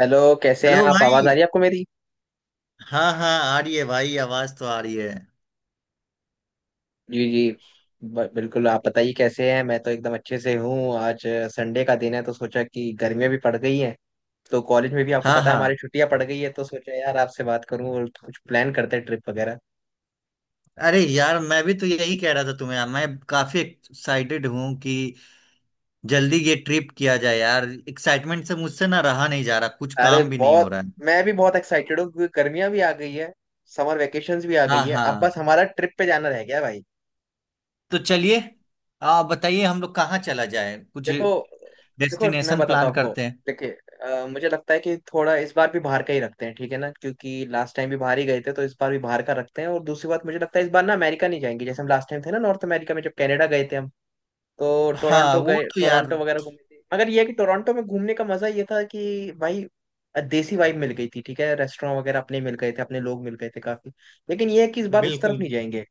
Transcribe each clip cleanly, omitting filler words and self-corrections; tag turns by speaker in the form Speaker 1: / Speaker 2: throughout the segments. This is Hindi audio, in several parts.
Speaker 1: हेलो। कैसे हैं
Speaker 2: हेलो
Speaker 1: आप? आवाज आ
Speaker 2: भाई।
Speaker 1: रही है आपको मेरी?
Speaker 2: हाँ हाँ आ रही है भाई, आवाज तो आ रही है।
Speaker 1: जी जी। बिल्कुल, आप बताइए कैसे हैं। मैं तो एकदम अच्छे से हूँ। आज संडे का दिन है तो सोचा कि गर्मियाँ भी पड़ गई हैं, तो कॉलेज में भी आपको
Speaker 2: हाँ
Speaker 1: पता है
Speaker 2: हाँ,
Speaker 1: हमारी छुट्टियां पड़ गई है, तो सोचा यार आपसे बात करूं और कुछ प्लान करते हैं, ट्रिप वगैरह।
Speaker 2: अरे यार मैं भी तो यही कह रहा था तुम्हें, मैं काफी एक्साइटेड हूँ कि जल्दी ये ट्रिप किया जाए यार। एक्साइटमेंट से मुझसे ना रहा नहीं जा रहा, कुछ
Speaker 1: अरे
Speaker 2: काम भी नहीं हो
Speaker 1: बहुत,
Speaker 2: रहा है।
Speaker 1: मैं भी बहुत एक्साइटेड हूँ क्योंकि गर्मियाँ भी आ गई है, समर वेकेशंस भी आ
Speaker 2: हाँ
Speaker 1: गई है,
Speaker 2: हाँ,
Speaker 1: अब बस हमारा ट्रिप पे जाना रह गया भाई।
Speaker 2: तो चलिए आप बताइए हम लोग कहाँ चला जाए, कुछ
Speaker 1: देखो। मैं
Speaker 2: डेस्टिनेशन
Speaker 1: बताता हूँ
Speaker 2: प्लान
Speaker 1: आपको।
Speaker 2: करते हैं।
Speaker 1: देखिए, मुझे लगता है कि थोड़ा इस बार भी बाहर का ही रखते हैं, ठीक है ना, क्योंकि लास्ट टाइम भी बाहर ही गए थे तो इस बार भी बाहर का रखते हैं। और दूसरी बात, मुझे लगता है इस बार ना अमेरिका नहीं जाएंगे जैसे हम लास्ट टाइम थे ना नॉर्थ अमेरिका में, जब कनाडा गए थे हम, तो
Speaker 2: हाँ
Speaker 1: टोरंटो
Speaker 2: वो
Speaker 1: गए,
Speaker 2: तो यार,
Speaker 1: टोरंटो वगैरह घूमे थे, मगर ये है कि टोरंटो में घूमने का मजा ये था कि भाई देसी वाइब मिल गई थी। ठीक है, रेस्टोरेंट वगैरह अपने मिल गए थे, अपने लोग मिल गए थे काफी। लेकिन ये है कि इस बार उस
Speaker 2: बिल्कुल
Speaker 1: तरफ नहीं
Speaker 2: बिल्कुल।
Speaker 1: जाएंगे।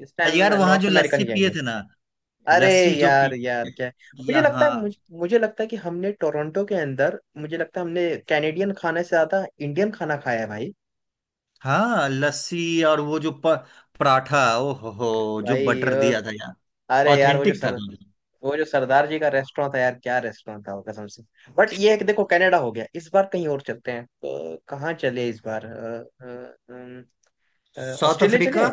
Speaker 1: इस
Speaker 2: अरे
Speaker 1: टाइम
Speaker 2: यार वहाँ जो
Speaker 1: नॉर्थ अमेरिका
Speaker 2: लस्सी
Speaker 1: नहीं
Speaker 2: पिए
Speaker 1: जाएंगे।
Speaker 2: थे ना।
Speaker 1: अरे
Speaker 2: लस्सी जो
Speaker 1: यार,
Speaker 2: पी।
Speaker 1: यार क्या है? मुझे
Speaker 2: या
Speaker 1: लगता है
Speaker 2: हाँ,
Speaker 1: मुझे लगता है कि हमने टोरंटो के अंदर, मुझे लगता है हमने कैनेडियन खाने से ज्यादा इंडियन खाना खाया है भाई।
Speaker 2: हाँ लस्सी, और वो जो पराठा, ओ हो जो
Speaker 1: भाई
Speaker 2: बटर दिया था यार।
Speaker 1: अरे यार वो जो
Speaker 2: ऑथेंटिक था
Speaker 1: सर,
Speaker 2: दोनों।
Speaker 1: वो जो सरदार जी का रेस्टोरेंट था यार, क्या रेस्टोरेंट था वो, कसम से। बट ये है कि देखो कनाडा हो गया, इस बार कहीं और चलते हैं। तो कहाँ चले इस बार? अ, अम,
Speaker 2: साउथ
Speaker 1: ऑस्ट्रेलिया
Speaker 2: अफ्रीका।
Speaker 1: चले।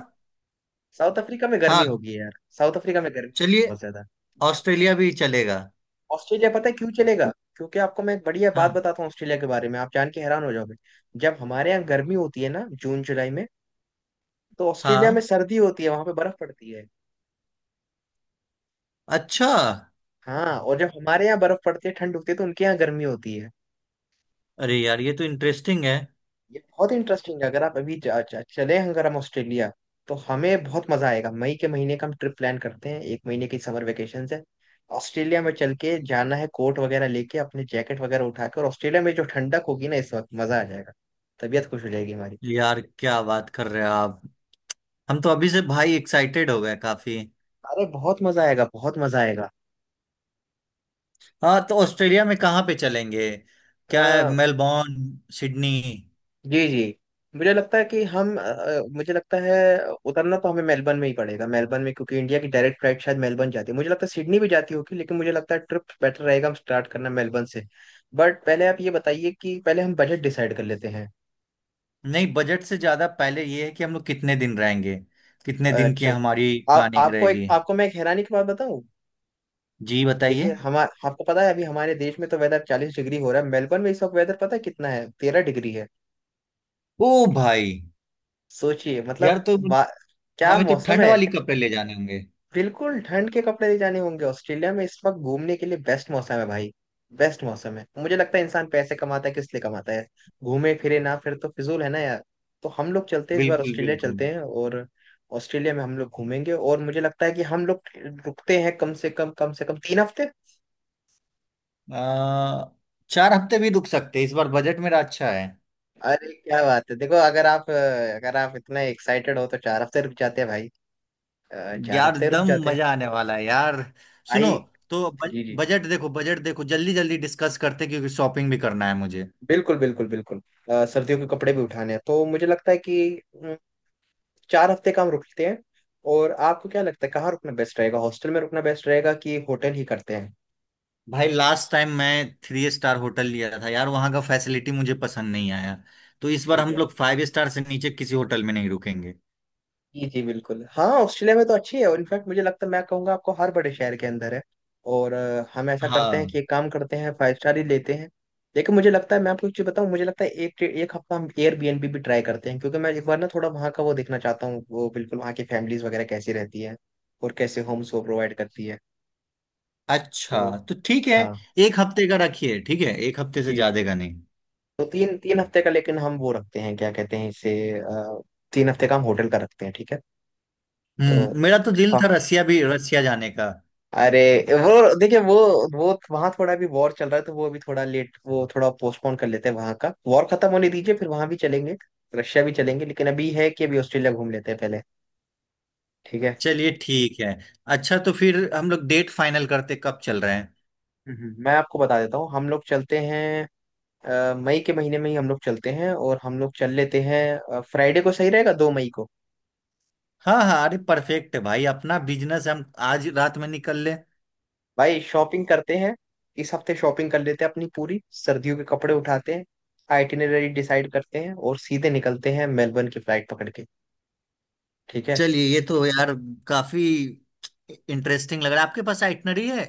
Speaker 1: साउथ अफ्रीका में
Speaker 2: हाँ
Speaker 1: गर्मी होगी यार। साउथ अफ्रीका में गर्मी होगी
Speaker 2: चलिए,
Speaker 1: बहुत ज्यादा।
Speaker 2: ऑस्ट्रेलिया भी चलेगा।
Speaker 1: ऑस्ट्रेलिया, पता है क्यों चलेगा? क्योंकि आपको मैं एक बढ़िया बात
Speaker 2: हाँ
Speaker 1: बताता हूँ ऑस्ट्रेलिया के बारे में, आप जान के हैरान हो जाओगे। जब हमारे यहाँ गर्मी होती है ना जून जुलाई में, तो ऑस्ट्रेलिया में
Speaker 2: हाँ,
Speaker 1: सर्दी होती है, वहां पे बर्फ पड़ती है।
Speaker 2: अच्छा।
Speaker 1: हाँ, और जब हमारे यहाँ बर्फ पड़ती है, ठंड होती है, तो उनके यहाँ गर्मी होती है।
Speaker 2: अरे यार ये तो इंटरेस्टिंग है।
Speaker 1: ये बहुत इंटरेस्टिंग है। अगर आप अभी जा- जा- चले, अगर हम ऑस्ट्रेलिया, तो हमें बहुत मजा आएगा। मई के महीने का हम ट्रिप प्लान करते हैं, एक महीने की समर वेकेशन है। ऑस्ट्रेलिया में चल के जाना है, कोट वगैरह लेके अपने, जैकेट वगैरह उठा के, और ऑस्ट्रेलिया में जो ठंडक होगी ना इस वक्त मजा आ जाएगा, तबीयत खुश हो जाएगी हमारी।
Speaker 2: यार क्या बात कर रहे हो आप, हम तो अभी से भाई एक्साइटेड हो गए काफी।
Speaker 1: अरे बहुत मजा आएगा, बहुत मजा आएगा।
Speaker 2: हाँ तो ऑस्ट्रेलिया में कहाँ पे चलेंगे, क्या है,
Speaker 1: आ,
Speaker 2: मेलबोर्न, सिडनी?
Speaker 1: जी जी, मुझे लगता है कि मुझे लगता है उतरना तो हमें मेलबर्न में ही पड़ेगा, मेलबर्न में, क्योंकि इंडिया की डायरेक्ट फ्लाइट शायद मेलबर्न जाती है, मुझे लगता है सिडनी भी जाती होगी, लेकिन मुझे लगता है ट्रिप बेटर रहेगा हम स्टार्ट करना मेलबर्न से। बट पहले आप ये बताइए कि पहले हम बजट डिसाइड कर लेते हैं।
Speaker 2: नहीं बजट से ज्यादा पहले ये है कि हम लोग कितने दिन रहेंगे, कितने दिन की
Speaker 1: अच्छा।
Speaker 2: हमारी प्लानिंग
Speaker 1: आपको एक
Speaker 2: रहेगी।
Speaker 1: आपको मैं एक हैरानी की बात बताऊं।
Speaker 2: जी बताइए।
Speaker 1: देखिए हम, आपको पता है अभी हमारे देश में तो वेदर 40 डिग्री हो रहा है, मेलबर्न में इस वक्त वेदर पता है कितना है? 13 डिग्री है।
Speaker 2: ओ भाई।
Speaker 1: सोचिए, मतलब
Speaker 2: यार तो
Speaker 1: वा- क्या
Speaker 2: हमें तो
Speaker 1: मौसम
Speaker 2: ठंड
Speaker 1: है।
Speaker 2: वाली कपड़े ले जाने होंगे।
Speaker 1: बिल्कुल ठंड के कपड़े ले जाने होंगे। ऑस्ट्रेलिया में इस वक्त घूमने के लिए बेस्ट मौसम है भाई। बेस्ट मौसम है। मुझे लगता है इंसान पैसे कमाता है किस लिए कमाता है? घूमे फिरे ना, फिर तो फिजूल है ना यार। तो हम लोग चलते हैं, इस बार
Speaker 2: बिल्कुल
Speaker 1: ऑस्ट्रेलिया
Speaker 2: बिल्कुल।
Speaker 1: चलते हैं। और ऑस्ट्रेलिया में हम लोग घूमेंगे, और मुझे लगता है कि हम लोग रुकते हैं कम से कम 3 हफ्ते।
Speaker 2: आ, 4 हफ्ते भी रुक सकते हैं। इस बार बजट मेरा अच्छा है।
Speaker 1: अरे क्या बात है! देखो अगर आप अगर आप इतना एक्साइटेड हो तो 4 हफ्ते रुक जाते हैं भाई। चार
Speaker 2: यार
Speaker 1: हफ्ते रुक
Speaker 2: एकदम
Speaker 1: जाते हैं।
Speaker 2: मजा आने वाला है यार। सुनो।
Speaker 1: भाई,
Speaker 2: तो
Speaker 1: जी जी
Speaker 2: बजट देखो, बजट देखो जल्दी जल्दी डिस्कस करते हैं, क्योंकि शॉपिंग भी करना है मुझे।
Speaker 1: बिल्कुल बिल्कुल बिल्कुल। सर्दियों के कपड़े भी उठाने हैं, तो मुझे लगता है कि अम, 4 हफ्ते का हम रुकते हैं। और आपको क्या लगता है कहाँ रुकना बेस्ट रहेगा? हॉस्टल में रुकना बेस्ट रहेगा कि होटल ही करते हैं?
Speaker 2: भाई लास्ट टाइम मैं थ्री स्टार होटल लिया था यार, वहां का फैसिलिटी मुझे पसंद नहीं आया। तो इस बार
Speaker 1: ठीक
Speaker 2: हम
Speaker 1: है।
Speaker 2: लोग फाइव स्टार से नीचे किसी होटल में नहीं रुकेंगे।
Speaker 1: जी जी बिल्कुल। हाँ, ऑस्ट्रेलिया में तो अच्छी है, और इनफैक्ट मुझे लगता है, मैं कहूंगा आपको, हर बड़े शहर के अंदर है। और हम ऐसा करते हैं
Speaker 2: हाँ
Speaker 1: कि एक काम करते हैं, 5 स्टार ही लेते हैं। लेकिन मुझे लगता है मैं आपको एक चीज बताऊं, मुझे लगता है एक एक हफ्ता हम एयरबीएनबी भी ट्राई करते हैं, क्योंकि मैं एक बार ना थोड़ा वहाँ का वो देखना चाहता हूँ, वो बिल्कुल वहाँ की फैमिलीज वगैरह कैसी रहती है और कैसे होम्स वो प्रोवाइड करती है। तो
Speaker 2: अच्छा, तो ठीक है,
Speaker 1: हाँ,
Speaker 2: एक हफ्ते का रखिए, ठीक है एक हफ्ते से
Speaker 1: जी जी।
Speaker 2: ज्यादा का नहीं।
Speaker 1: तो तीन 3 हफ्ते का, लेकिन हम वो रखते हैं, क्या कहते हैं इसे, अ, 3 हफ्ते का हम होटल का रखते हैं। ठीक है। तो
Speaker 2: मेरा तो दिल था रसिया भी, रसिया जाने का।
Speaker 1: अरे, वो देखिए वो वहां थोड़ा भी वॉर चल रहा है तो वो अभी थोड़ा लेट, वो थोड़ा पोस्टपोन कर लेते हैं, वहां का वॉर खत्म होने दीजिए, फिर वहां भी चलेंगे, रशिया भी चलेंगे। लेकिन अभी है कि अभी ऑस्ट्रेलिया घूम लेते हैं पहले, ठीक है।
Speaker 2: चलिए ठीक है। अच्छा तो फिर हम लोग डेट फाइनल करते, कब चल रहे हैं?
Speaker 1: मैं आपको बता देता हूँ, हम लोग चलते हैं मई के महीने में ही हम लोग चलते हैं, और हम लोग चल लेते हैं फ्राइडे को, सही रहेगा 2 मई को।
Speaker 2: हाँ हाँ अरे परफेक्ट है भाई, अपना बिजनेस हम आज रात में निकल ले।
Speaker 1: भाई शॉपिंग करते हैं, इस हफ्ते शॉपिंग कर लेते हैं, अपनी पूरी सर्दियों के कपड़े उठाते हैं, आइटिनरी डिसाइड करते हैं और सीधे निकलते हैं मेलबर्न की फ्लाइट पकड़ के। ठीक है।
Speaker 2: चलिए ये तो यार काफी इंटरेस्टिंग लग रहा है, आपके पास आइटनरी है?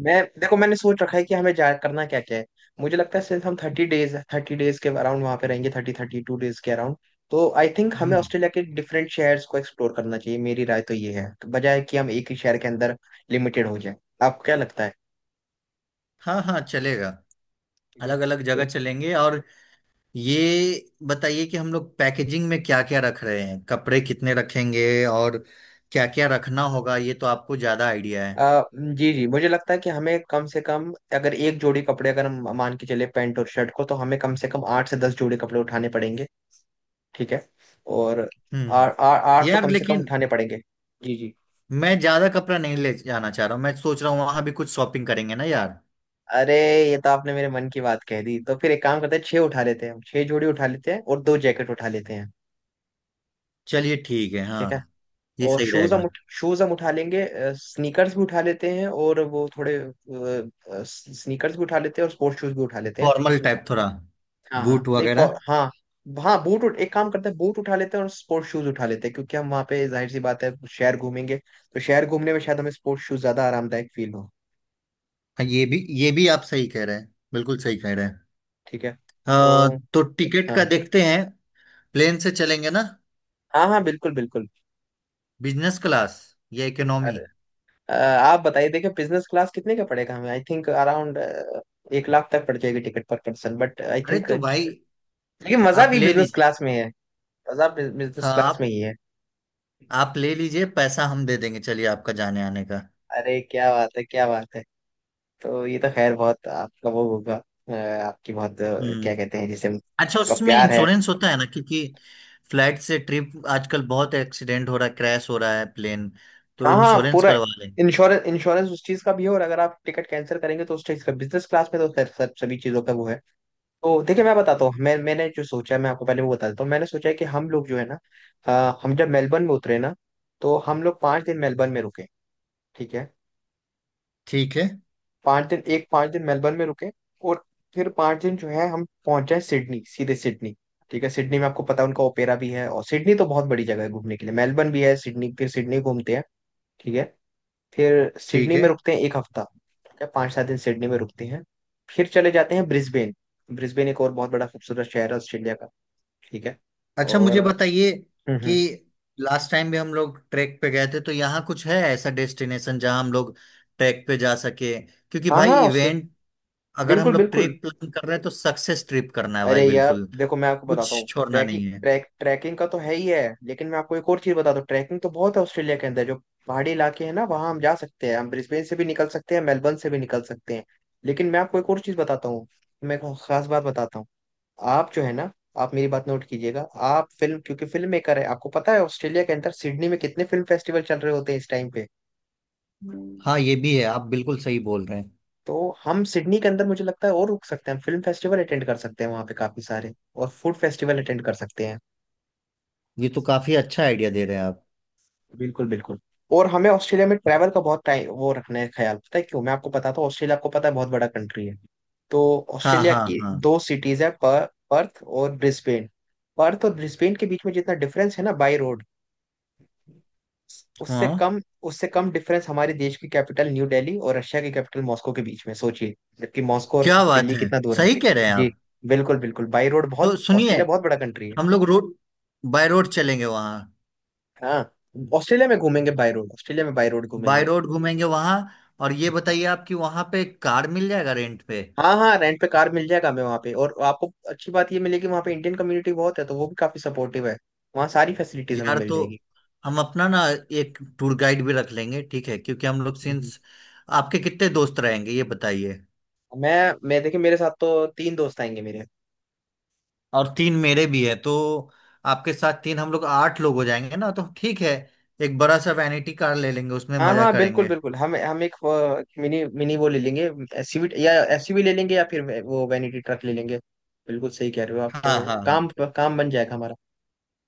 Speaker 1: मैं देखो, मैंने सोच रखा है कि हमें जा करना क्या क्या है। मुझे लगता है सिर्फ हम थर्टी डेज के अराउंड वहां पे रहेंगे, थर्टी 32 डेज के अराउंड। तो आई थिंक हमें
Speaker 2: हम्म।
Speaker 1: ऑस्ट्रेलिया के डिफरेंट शहर्स को एक्सप्लोर करना चाहिए, मेरी राय तो ये है। तो बजाय कि हम एक ही शहर के अंदर लिमिटेड हो जाए। आपको क्या लगता है?
Speaker 2: हाँ हाँ चलेगा,
Speaker 1: ठीक है।
Speaker 2: अलग अलग जगह
Speaker 1: तो
Speaker 2: चलेंगे और ये बताइए कि हम लोग पैकेजिंग में क्या क्या रख रहे हैं, कपड़े कितने रखेंगे और क्या क्या रखना होगा, ये तो आपको ज्यादा आइडिया है।
Speaker 1: जी जी, मुझे लगता है कि हमें कम से कम, अगर एक जोड़ी कपड़े अगर हम मान के चले पैंट और शर्ट को, तो हमें कम से कम 8 से 10 जोड़ी कपड़े उठाने पड़ेंगे। ठीक है। और
Speaker 2: हम्म।
Speaker 1: आठ तो
Speaker 2: यार
Speaker 1: कम से कम
Speaker 2: लेकिन
Speaker 1: उठाने पड़ेंगे। जी जी।
Speaker 2: मैं ज्यादा कपड़ा नहीं ले जाना चाह रहा हूँ, मैं सोच रहा हूँ वहां भी कुछ शॉपिंग करेंगे ना यार।
Speaker 1: अरे ये तो आपने मेरे मन की बात कह दी। तो फिर एक काम करते हैं, छह उठा लेते हैं, हम छह जोड़ी उठा लेते हैं और दो जैकेट उठा लेते हैं।
Speaker 2: चलिए ठीक है हाँ,
Speaker 1: ठीक है।
Speaker 2: ये
Speaker 1: और
Speaker 2: सही रहेगा।
Speaker 1: शूज हम उठा लेंगे। स्नीकर्स भी उठा लेते हैं और वो थोड़े, स्नीकर्स भी उठा लेते हैं और स्पोर्ट्स शूज भी उठा लेते हैं।
Speaker 2: फॉर्मल टाइप थोड़ा,
Speaker 1: हाँ हाँ
Speaker 2: बूट
Speaker 1: नहीं फॉर
Speaker 2: वगैरह।
Speaker 1: हाँ। हाँ, बूट उठ एक काम करते हैं, बूट उठा लेते हैं और स्पोर्ट्स शूज उठा लेते हैं, क्योंकि हम वहाँ पे जाहिर सी बात है शहर घूमेंगे तो शहर घूमने में शायद हमें स्पोर्ट्स शूज ज्यादा आरामदायक फील हो।
Speaker 2: हाँ ये भी आप सही कह रहे हैं, बिल्कुल सही कह रहे हैं।
Speaker 1: ठीक है।
Speaker 2: अ,
Speaker 1: तो
Speaker 2: तो टिकट
Speaker 1: हाँ
Speaker 2: का देखते हैं, प्लेन से चलेंगे ना,
Speaker 1: हाँ हाँ, बिल्कुल बिल्कुल।
Speaker 2: बिजनेस क्लास या इकोनॉमी?
Speaker 1: आप बताइए, देखिए बिजनेस क्लास कितने का पड़ेगा हमें? आई थिंक अराउंड 1 लाख तक पड़ जाएगी ticket per person, but I
Speaker 2: अरे
Speaker 1: थिंक
Speaker 2: तो भाई
Speaker 1: लेकिन मजा
Speaker 2: आप
Speaker 1: भी
Speaker 2: ले
Speaker 1: बिजनेस
Speaker 2: लीजिए।
Speaker 1: क्लास में है। मजा बिजनेस
Speaker 2: हाँ
Speaker 1: क्लास
Speaker 2: आप
Speaker 1: में ही है।
Speaker 2: आप ले लीजिए, पैसा हम दे देंगे चलिए, आपका जाने आने का।
Speaker 1: अरे क्या बात है, क्या बात है। तो ये तो खैर बहुत आपका वो होगा, आपकी बहुत क्या
Speaker 2: हम्म।
Speaker 1: कहते हैं जिसे,
Speaker 2: अच्छा
Speaker 1: का
Speaker 2: उसमें
Speaker 1: प्यार है।
Speaker 2: इंश्योरेंस होता है ना, क्योंकि फ्लाइट से ट्रिप आजकल बहुत एक्सीडेंट हो रहा है, क्रैश हो रहा है प्लेन, तो
Speaker 1: हाँ हाँ
Speaker 2: इंश्योरेंस
Speaker 1: पूरा
Speaker 2: करवा लेंगे।
Speaker 1: इंश्योरेंस, उस चीज का भी है, और अगर आप टिकट कैंसिल करेंगे तो उस चीज का, बिजनेस क्लास में तो खैर सब, सभी चीजों का वो है। तो देखिए मैं बताता हूँ, मैंने जो सोचा है, मैं आपको पहले वो बता देता हूँ, मैंने सोचा है कि हम लोग जो है ना, हम जब मेलबर्न में उतरे ना, तो हम लोग 5 दिन मेलबर्न में रुके। ठीक है।
Speaker 2: ठीक है
Speaker 1: 5 दिन, एक 5 दिन मेलबर्न में रुके। और फिर 5 दिन जो है हम पहुंच जाए सिडनी, सीधे सिडनी। ठीक है। सिडनी में आपको पता है उनका ओपेरा भी है, और सिडनी तो बहुत बड़ी जगह है घूमने के लिए, मेलबर्न भी है, सिडनी, फिर सिडनी घूमते हैं। ठीक है। फिर
Speaker 2: ठीक
Speaker 1: सिडनी में
Speaker 2: है।
Speaker 1: रुकते हैं एक हफ्ता। ठीक है। पाँच सात दिन सिडनी में रुकते हैं। फिर चले जाते हैं ब्रिस्बेन। ब्रिस्बेन एक और बहुत बड़ा खूबसूरत शहर है ऑस्ट्रेलिया का। ठीक है।
Speaker 2: अच्छा
Speaker 1: और
Speaker 2: मुझे
Speaker 1: हम्म
Speaker 2: बताइए कि
Speaker 1: हम्म।
Speaker 2: लास्ट टाइम भी हम लोग ट्रैक पे गए थे, तो यहाँ कुछ है ऐसा डेस्टिनेशन जहाँ हम लोग ट्रैक पे जा सके, क्योंकि
Speaker 1: हाँ
Speaker 2: भाई
Speaker 1: हाँ उससे,
Speaker 2: इवेंट अगर
Speaker 1: बिल्कुल
Speaker 2: हम लोग
Speaker 1: बिल्कुल।
Speaker 2: ट्रिप प्लान कर रहे हैं तो सक्सेस ट्रिप करना है भाई,
Speaker 1: अरे यार
Speaker 2: बिल्कुल
Speaker 1: देखो मैं आपको बताता
Speaker 2: कुछ
Speaker 1: हूँ,
Speaker 2: छोड़ना नहीं है।
Speaker 1: ट्रैकिंग का तो है ही है, लेकिन मैं आपको एक और चीज बताता हूँ। ट्रैकिंग तो बहुत है ऑस्ट्रेलिया के अंदर, जो पहाड़ी इलाके हैं ना वहाँ हम जा सकते हैं, हम ब्रिस्बेन से भी निकल सकते हैं, मेलबर्न से भी निकल सकते हैं। लेकिन मैं आपको एक और चीज बताता हूँ, मैं एक खास बात बताता हूँ। आप जो है ना, आप मेरी बात नोट कीजिएगा। आप फिल्म, क्योंकि फिल्म मेकर है, आपको पता है ऑस्ट्रेलिया के अंदर सिडनी में कितने फिल्म फेस्टिवल चल रहे होते हैं इस टाइम पे।
Speaker 2: हाँ ये भी है, आप बिल्कुल सही बोल रहे हैं।
Speaker 1: तो हम सिडनी के अंदर मुझे लगता है और रुक सकते हैं, फिल्म फेस्टिवल अटेंड कर सकते हैं वहाँ पे काफी सारे, और फूड फेस्टिवल अटेंड कर सकते हैं।
Speaker 2: ये तो काफी अच्छा आइडिया दे रहे हैं आप।
Speaker 1: बिल्कुल बिल्कुल। और हमें ऑस्ट्रेलिया में ट्रैवल का बहुत टाइम वो रखना है ख्याल, पता है क्यों? मैं आपको बताता हूँ, ऑस्ट्रेलिया आपको पता है बहुत बड़ा कंट्री है। तो
Speaker 2: हाँ
Speaker 1: ऑस्ट्रेलिया
Speaker 2: हाँ
Speaker 1: की
Speaker 2: हाँ
Speaker 1: दो सिटीज है, पर्थ और ब्रिस्बेन। पर्थ और ब्रिस्बेन के बीच में जितना डिफरेंस है ना बाई रोड, उससे
Speaker 2: हाँ।
Speaker 1: कम उससे कम डिफरेंस हमारे देश की कैपिटल न्यू दिल्ली और रशिया की कैपिटल मॉस्को के बीच में, सोचिए, जबकि मॉस्को और
Speaker 2: क्या बात
Speaker 1: दिल्ली
Speaker 2: है,
Speaker 1: कितना दूर है।
Speaker 2: सही कह रहे हैं
Speaker 1: जी।
Speaker 2: आप।
Speaker 1: बिल्कुल बिल्कुल, बाई रोड बहुत।
Speaker 2: तो सुनिए
Speaker 1: ऑस्ट्रेलिया बहुत बड़ा कंट्री है।
Speaker 2: हम लोग रोड, बाय रोड चलेंगे वहाँ,
Speaker 1: हाँ, ऑस्ट्रेलिया में घूमेंगे बाई रोड, ऑस्ट्रेलिया में बाई रोड
Speaker 2: बाय
Speaker 1: घूमेंगे।
Speaker 2: रोड घूमेंगे वहाँ। और ये बताइए आप कि वहाँ पे कार मिल जाएगा रेंट पे?
Speaker 1: हाँ हाँ, रेंट पे कार मिल जाएगा हमें वहाँ पे, और आपको अच्छी बात ये मिलेगी वहाँ पे, इंडियन कम्युनिटी बहुत है तो वो भी काफी सपोर्टिव है, वहाँ सारी फैसिलिटीज हमें
Speaker 2: यार
Speaker 1: मिल
Speaker 2: तो
Speaker 1: जाएगी।
Speaker 2: हम अपना ना एक टूर गाइड भी रख लेंगे, ठीक है, क्योंकि हम लोग
Speaker 1: हम्म,
Speaker 2: सिंस, आपके कितने दोस्त रहेंगे ये बताइए।
Speaker 1: मैं देखिए, मेरे साथ तो तीन दोस्त आएंगे मेरे।
Speaker 2: और तीन मेरे भी है, तो आपके साथ तीन, हम लोग आठ लोग हो जाएंगे ना, तो ठीक है, एक बड़ा सा वैनिटी कार ले लेंगे, उसमें
Speaker 1: हाँ
Speaker 2: मजा
Speaker 1: हाँ बिल्कुल
Speaker 2: करेंगे।
Speaker 1: बिल्कुल। हम एक मिनी मिनी वो ले लेंगे, एसयूवी या एसयूवी ले लेंगे या फिर वो वैनिटी ट्रक ले लेंगे। बिल्कुल सही कह रहे हो आप
Speaker 2: हाँ
Speaker 1: तो।
Speaker 2: हाँ हाँ।
Speaker 1: काम काम बन जाएगा हमारा।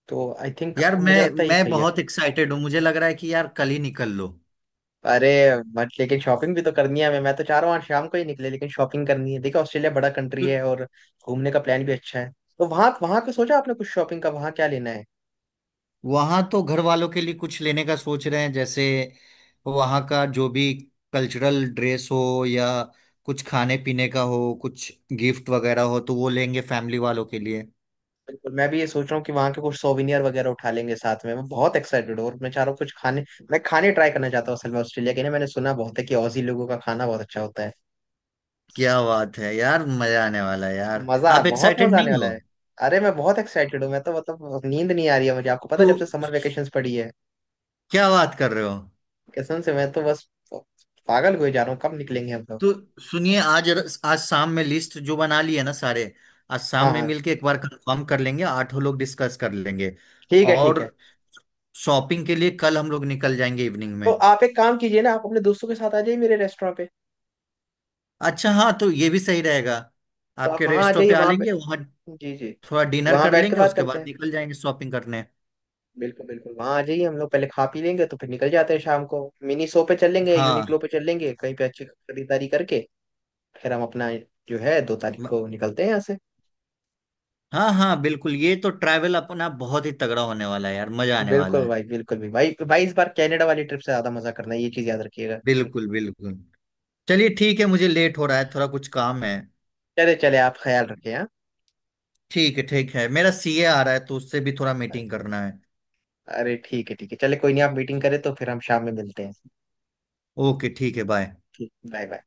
Speaker 1: तो आई थिंक
Speaker 2: यार
Speaker 1: मुझे
Speaker 2: मैं
Speaker 1: लगता है ये
Speaker 2: मैं
Speaker 1: सही है।
Speaker 2: बहुत एक्साइटेड हूँ, मुझे लग रहा है कि यार कल ही निकल लो।
Speaker 1: अरे बट लेकिन शॉपिंग भी तो करनी है हमें, मैं तो चाह रहा हूँ आज शाम को ही निकले, लेकिन शॉपिंग करनी है। देखो ऑस्ट्रेलिया बड़ा कंट्री है और घूमने का प्लान भी अच्छा है। तो वहाँ, वहाँ का सोचा आपने कुछ शॉपिंग का, वहाँ क्या लेना है?
Speaker 2: वहां तो घर वालों के लिए कुछ लेने का सोच रहे हैं, जैसे वहां का जो भी कल्चरल ड्रेस हो या कुछ खाने पीने का हो, कुछ गिफ्ट वगैरह हो, तो वो लेंगे फैमिली वालों के लिए।
Speaker 1: बिल्कुल, मैं भी ये सोच रहा हूँ कि वहां के कुछ सोविनियर वगैरह उठा लेंगे साथ में। मैं बहुत एक्साइटेड हूँ, और मैं चाह रहा हूँ कुछ खाने, मैं खाने ट्राई करना चाहता हूँ असल में ऑस्ट्रेलिया के, ना मैंने सुना बहुत है कि ऑजी लोगों का खाना बहुत अच्छा होता है।
Speaker 2: क्या बात है यार, मजा आने वाला है यार।
Speaker 1: मजा
Speaker 2: आप
Speaker 1: बहुत
Speaker 2: एक्साइटेड
Speaker 1: मजा
Speaker 2: नहीं
Speaker 1: आने वाला
Speaker 2: हो?
Speaker 1: है। अरे मैं बहुत एक्साइटेड हूँ, मैं तो मतलब नींद नहीं आ रही है मुझे, आपको पता
Speaker 2: तो
Speaker 1: है, जब से समर वेकेशन पड़ी है,
Speaker 2: क्या बात कर रहे हो।
Speaker 1: कसम से मैं तो बस पागल हुए जा रहा हूँ, कब निकलेंगे हम लोग।
Speaker 2: तो सुनिए आज, आज शाम में लिस्ट जो बना ली है ना सारे, आज
Speaker 1: हाँ
Speaker 2: शाम में
Speaker 1: हाँ,
Speaker 2: मिलके एक बार कंफर्म कर लेंगे, आठों लोग डिस्कस कर लेंगे।
Speaker 1: ठीक है, ठीक
Speaker 2: और
Speaker 1: है।
Speaker 2: शॉपिंग के लिए कल हम लोग निकल जाएंगे इवनिंग
Speaker 1: तो
Speaker 2: में।
Speaker 1: आप एक काम कीजिए ना, आप अपने दोस्तों के साथ आ जाइए मेरे रेस्टोरेंट पे।
Speaker 2: अच्छा हाँ, तो ये भी सही रहेगा,
Speaker 1: तो आप
Speaker 2: आपके
Speaker 1: वहाँ आ
Speaker 2: रेस्टों
Speaker 1: जाइए
Speaker 2: पे आ
Speaker 1: वहाँ पे-
Speaker 2: लेंगे वहाँ,
Speaker 1: जी जी।
Speaker 2: थोड़ा डिनर
Speaker 1: वहाँ
Speaker 2: कर
Speaker 1: बैठ के
Speaker 2: लेंगे
Speaker 1: बात
Speaker 2: उसके
Speaker 1: करते
Speaker 2: बाद
Speaker 1: हैं।
Speaker 2: निकल जाएंगे शॉपिंग करने।
Speaker 1: बिल्कुल बिल्कुल, वहां आ जाइए, हम लोग पहले खा पी लेंगे, तो फिर निकल जाते हैं शाम को, मिनी शो पे चल लेंगे, यूनिक्लो
Speaker 2: हाँ
Speaker 1: पे चल लेंगे, कहीं पे अच्छी खरीदारी करके, फिर हम अपना जो है 2 तारीख
Speaker 2: म-
Speaker 1: को निकलते हैं यहाँ से।
Speaker 2: हाँ हाँ बिल्कुल, ये तो ट्रैवल अपना बहुत ही तगड़ा होने वाला है यार, मजा आने वाला
Speaker 1: बिल्कुल
Speaker 2: है।
Speaker 1: भाई बिल्कुल भी भाई भाई, इस बार कनाडा वाली ट्रिप से ज्यादा मजा करना है, ये चीज याद रखिएगा।
Speaker 2: बिल्कुल बिल्कुल। चलिए ठीक है, मुझे लेट हो रहा है थोड़ा, कुछ काम है।
Speaker 1: चले, चले आप ख्याल रखें, हाँ।
Speaker 2: ठीक है ठीक है, मेरा सीए आ रहा है तो उससे भी थोड़ा मीटिंग करना है।
Speaker 1: अरे ठीक है ठीक है, चले कोई नहीं, आप मीटिंग करें तो फिर हम शाम में मिलते हैं।
Speaker 2: ओके ठीक है बाय।
Speaker 1: ठीक, बाय बाय।